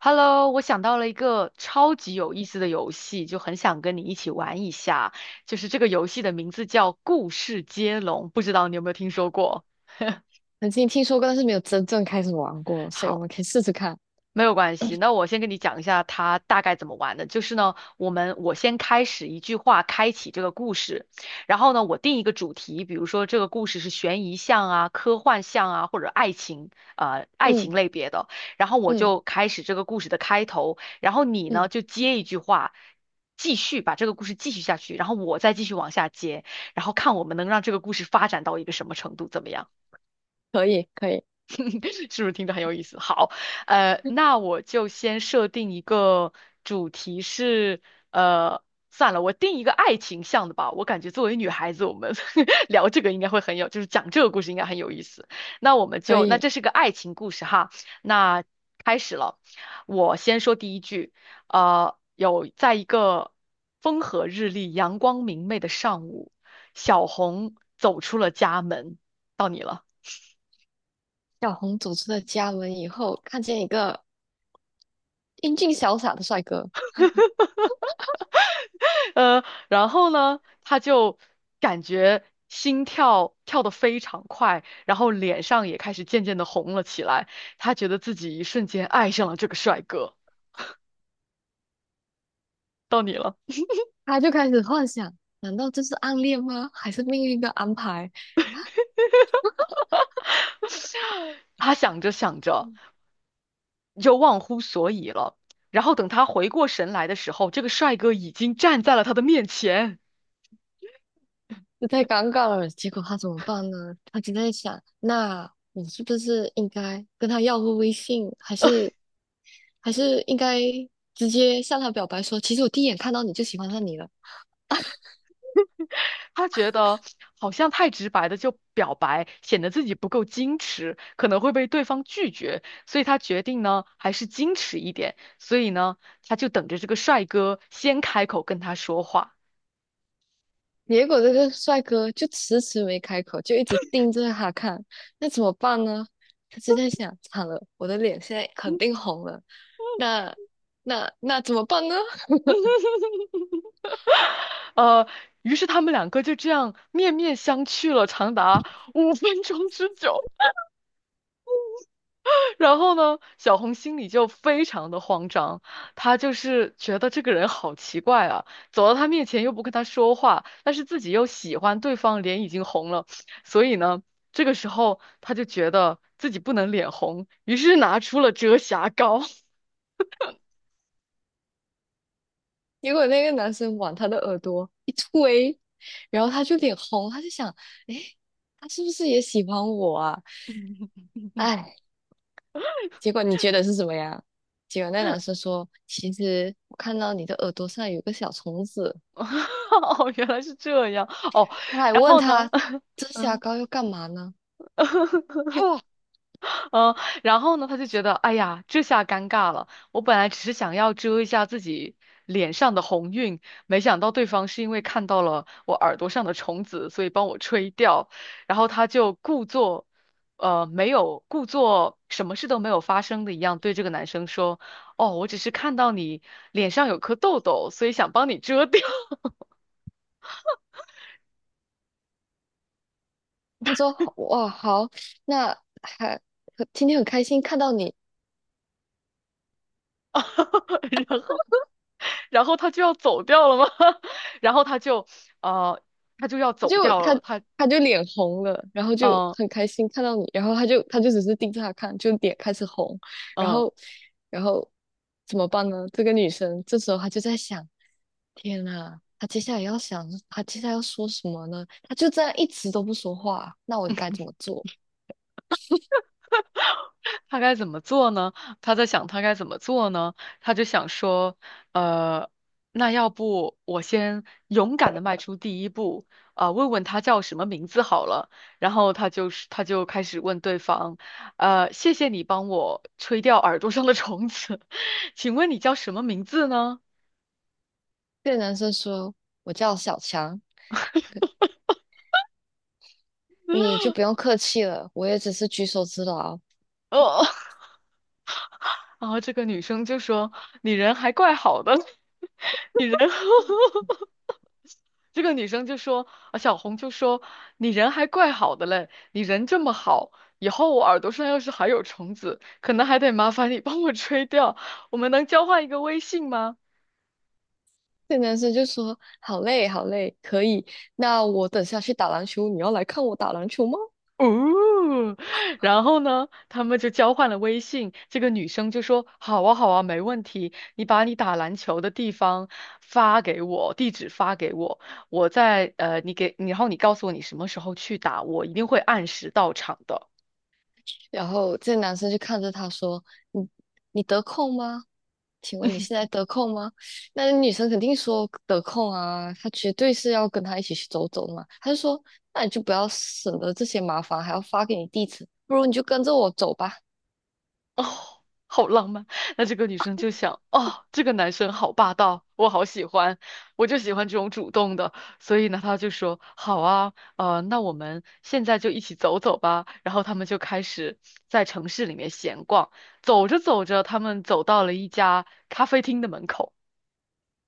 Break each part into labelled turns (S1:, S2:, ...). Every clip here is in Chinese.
S1: Hello，我想到了一个超级有意思的游戏，就很想跟你一起玩一下。就是这个游戏的名字叫《故事接龙》，不知道你有没有听说 过？
S2: 曾经听说过，但是没有真正开始玩过，所以我
S1: 好，
S2: 们可以试试看。
S1: 没有关系，那我先跟你讲一下它大概怎么玩的。就是呢，我先开始一句话开启这个故事，然后呢，我定一个主题，比如说这个故事是悬疑向啊、科幻向啊，或者爱情
S2: 嗯
S1: 类别的。然后我
S2: 嗯
S1: 就开始这个故事的开头，然后你呢
S2: 嗯，
S1: 就接一句话，继续把这个故事继续下去，然后我再继续往下接，然后看我们能让这个故事发展到一个什么程度，怎么样？
S2: 可以，可以，
S1: 是不是听着很有意思？好，那我就先设定一个主题是，呃，算了，我定一个爱情向的吧。我感觉作为女孩子，我们 聊这个应该会很有，就是讲这个故事应该很有意思。那我们
S2: 可
S1: 就，那
S2: 以。
S1: 这是个爱情故事哈，那开始了。我先说第一句，有在一个风和日丽、阳光明媚的上午，小红走出了家门，到你了。
S2: 小红走出了家门以后，看见一个英俊潇洒的帅哥，
S1: 呃，然后呢，他就感觉心跳跳得非常快，然后脸上也开始渐渐的红了起来。他觉得自己一瞬间爱上了这个帅哥。到你了，
S2: 他就开始幻想：难道这是暗恋吗？还是命运的安排？
S1: 他想着想着就忘乎所以了。然后等他回过神来的时候，这个帅哥已经站在了他的面前。
S2: 这太尴尬了。结果他怎么办呢？他就在想：那我是不是应该跟他要个微信，还是应该直接向他表白说，其实我第一眼看到你就喜欢上你了？
S1: 他觉得好像太直白的就表白，显得自己不够矜持，可能会被对方拒绝，所以他决定呢，还是矜持一点。所以呢，他就等着这个帅哥先开口跟他说话。
S2: 结果这个帅哥就迟迟没开口，就一直盯着他看，那怎么办呢？他就在想，惨了，我的脸现在肯
S1: 嗯
S2: 定红了，那那怎么办呢？
S1: 呃，于是他们两个就这样面面相觑了长达5分钟之久。然后呢，小红心里就非常的慌张，她就是觉得这个人好奇怪啊，走到他面前又不跟他说话，但是自己又喜欢对方，脸已经红了，所以呢，这个时候她就觉得自己不能脸红，于是拿出了遮瑕膏。
S2: 结果那个男生往他的耳朵一推，然后他就脸红，他就想，诶，他是不是也喜欢我啊？哎，结果你觉得是什么呀？结果那男生说，其实我看到你的耳朵上有个小虫子，
S1: 哦，原来是这样。哦，
S2: 他还
S1: 然
S2: 问
S1: 后呢？
S2: 他，遮瑕
S1: 嗯。
S2: 膏要干嘛呢？哦，
S1: 嗯，然后呢，他就觉得，哎呀，这下尴尬了。我本来只是想要遮一下自己脸上的红晕，没想到对方是因为看到了我耳朵上的虫子，所以帮我吹掉。然后他就没有故作什么事都没有发生的一样，对这个男生说：“哦，我只是看到你脸上有颗痘痘，所以想帮你遮掉。”
S2: 他说哇好，那还今天很开心看到你，
S1: 然后，然后他就要走掉了吗？然后他就，呃，他就要
S2: 他
S1: 走
S2: 就
S1: 掉了。
S2: 他他就脸红了，然后就
S1: 嗯、
S2: 很开心看到你，然后他就只是盯着他看，就脸开始红，然
S1: 嗯。
S2: 后然后怎么办呢？这个女生这时候她就在想，天呐，她接下来要说什么呢？她就这样一直都不说话，那我该怎么做？
S1: 他该怎么做呢？他在想他该怎么做呢？他就想说，呃，那要不我先勇敢的迈出第一步，啊、问问他叫什么名字好了。然后他就开始问对方，谢谢你帮我吹掉耳朵上的虫子，请问你叫什么名字呢？
S2: 这个男生说，我叫小强，你就不用客气了，我也只是举手之劳。
S1: 哦，然后这个女生就说，你人还怪好的，你人 这个女生就说，啊，小红就说，你人还怪好的嘞，你人这么好，以后我耳朵上要是还有虫子，可能还得麻烦你帮我吹掉，我们能交换一个微信吗？
S2: 这男生就说：“好累，好累，可以。那我等下去打篮球，你要来看我打篮球吗？”
S1: 哦，然后呢，他们就交换了微信。这个女生就说：“好啊，好啊，没问题。你把你打篮球的地方发给我，地址发给我，我在呃，你给，然后你告诉我你什么时候去打，我一定会按时到场的。”
S2: 然后这男生就看着他说：“你你得空吗？请问你现在得空吗？”那女生肯定说得空啊，她绝对是要跟他一起去走走的嘛。他就说：“那你就不要省得这些麻烦，还要发给你地址，不如你就跟着我走吧。”
S1: 哦，好浪漫。那这个女生就想，哦，这个男生好霸道，我好喜欢，我就喜欢这种主动的。所以呢，她就说，好啊，那我们现在就一起走走吧。然后他们就开始在城市里面闲逛，走着走着，他们走到了一家咖啡厅的门口。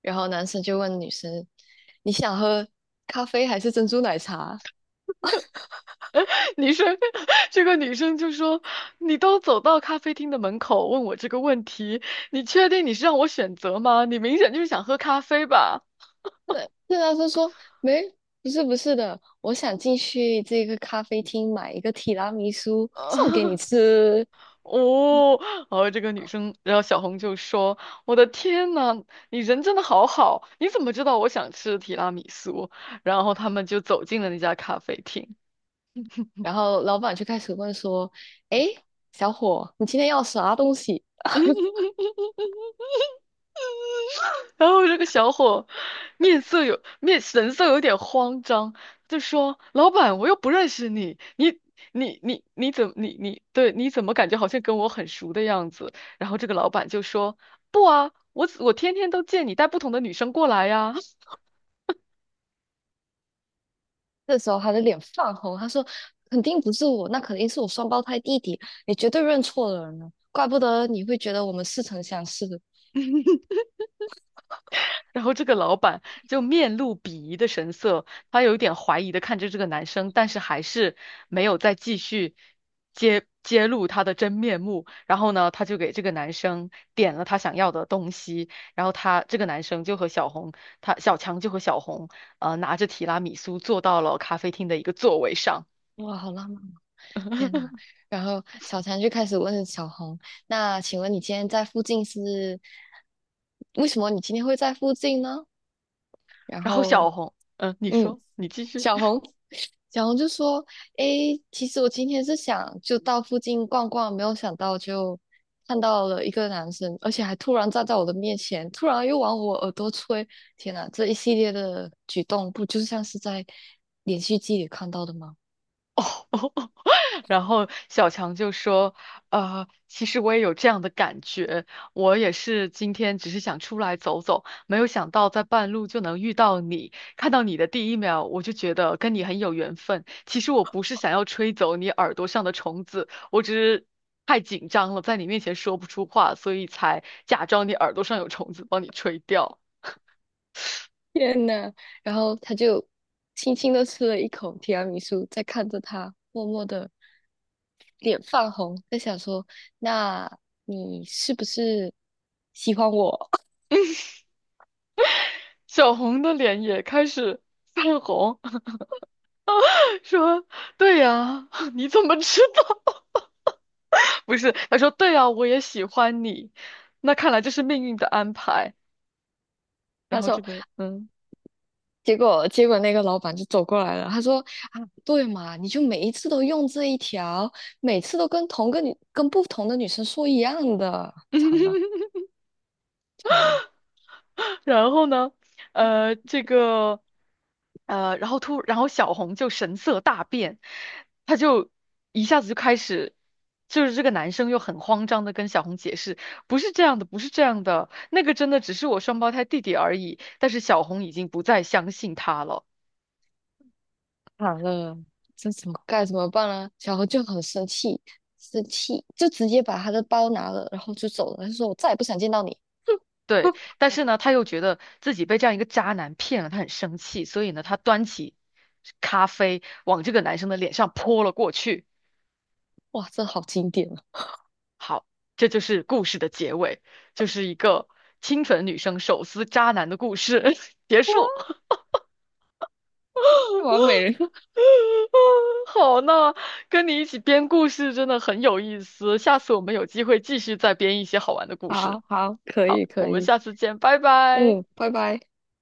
S2: 然后男生就问女生：“你想喝咖啡还是珍珠奶茶？”
S1: 女生，这个女生就说：“你都走到咖啡厅的门口，问我这个问题，你确定你是让我选择吗？你明显就是想喝咖啡吧？”
S2: 对啊，他说没，不是的，我想进去这个咖啡厅买一个提拉米苏送给你 吃。
S1: 哦，然后这个女生，然后小红就说：“我的天呐，你人真的好好，你怎么知道我想吃提拉米苏？”然后他们就走进了那家咖啡厅。
S2: 然后老板就开始问说：“哎，小伙，你今天要啥东西？”
S1: 然后这个小伙面色有面神色有点慌张，就说：“老板，我又不认识你，你你你你怎么你你对你怎么感觉好像跟我很熟的样子？”然后这个老板就说：“不啊，我天天都见你带不同的女生过来呀。”
S2: 这时候他的脸泛红，他说：“肯定不是我，那肯定是我双胞胎弟弟，你绝对认错了人了，怪不得你会觉得我们似曾相识。”
S1: 然后这个老板就面露鄙夷的神色，他有一点怀疑的看着这个男生，但是还是没有再继续揭露他的真面目。然后呢，他就给这个男生点了他想要的东西，然后他这个男生就和小红，他小强就和小红，拿着提拉米苏坐到了咖啡厅的一个座位上。
S2: 哇，好浪漫。天呐，然后小强就开始问小红：“那请问你今天在附近是为什么？你今天会在附近呢？”然
S1: 然后
S2: 后，
S1: 小红，嗯、你
S2: 嗯，
S1: 说，你继续。
S2: 小红 小红就说：“诶，其实我今天是想就到附近逛逛，没有想到就看到了一个男生，而且还突然站在我的面前，突然又往我耳朵吹。天呐，这一系列的举动，不就像是在连续剧里看到的吗？”
S1: 哦哦哦。然后小强就说：其实我也有这样的感觉，我也是今天只是想出来走走，没有想到在半路就能遇到你。看到你的第一秒，我就觉得跟你很有缘分。其实我不是想要吹走你耳朵上的虫子，我只是太紧张了，在你面前说不出话，所以才假装你耳朵上有虫子，帮你吹掉。”
S2: 天呐，然后他就轻轻的吃了一口提拉米苏，在看着他，默默的脸泛红，在想说：“那你是不是喜欢我？”
S1: 小红的脸也开始泛红，说：“对呀，你怎么知道？” 不是，他说对啊，我也喜欢你，那看来这是命运的安排。然
S2: 他
S1: 后这
S2: 说，
S1: 个，嗯，
S2: 结果那个老板就走过来了，他说：“啊，对嘛，你就每一次都用这一条，每次都跟同个女跟不同的女生说一样的，惨了 惨了。”
S1: 然后呢，呃，这个，呃，然后突，然后小红就神色大变，他就一下子就开始，就是这个男生又很慌张的跟小红解释，不是这样的，不是这样的，那个真的只是我双胞胎弟弟而已。但是小红已经不再相信他了。
S2: 惨了，这怎么该怎么办呢？小何就很生气，生气就直接把他的包拿了，然后就走了。他说：“我再也不想见到你。
S1: 对，但是呢，他又觉得自己被这样一个渣男骗了，他很生气，所以呢，他端起咖啡往这个男生的脸上泼了过去。
S2: 哇，这好经典啊！
S1: 好，这就是故事的结尾，就是一个清纯女生手撕渣男的故事 结束。
S2: 哇，完美了，
S1: 好，那跟你一起编故事真的很有意思，下次我们有机会继续再编一些好玩的 故
S2: 好
S1: 事。
S2: 好，可
S1: 好，
S2: 以
S1: 我
S2: 可
S1: 们
S2: 以，
S1: 下次见，拜拜。
S2: 嗯，拜拜。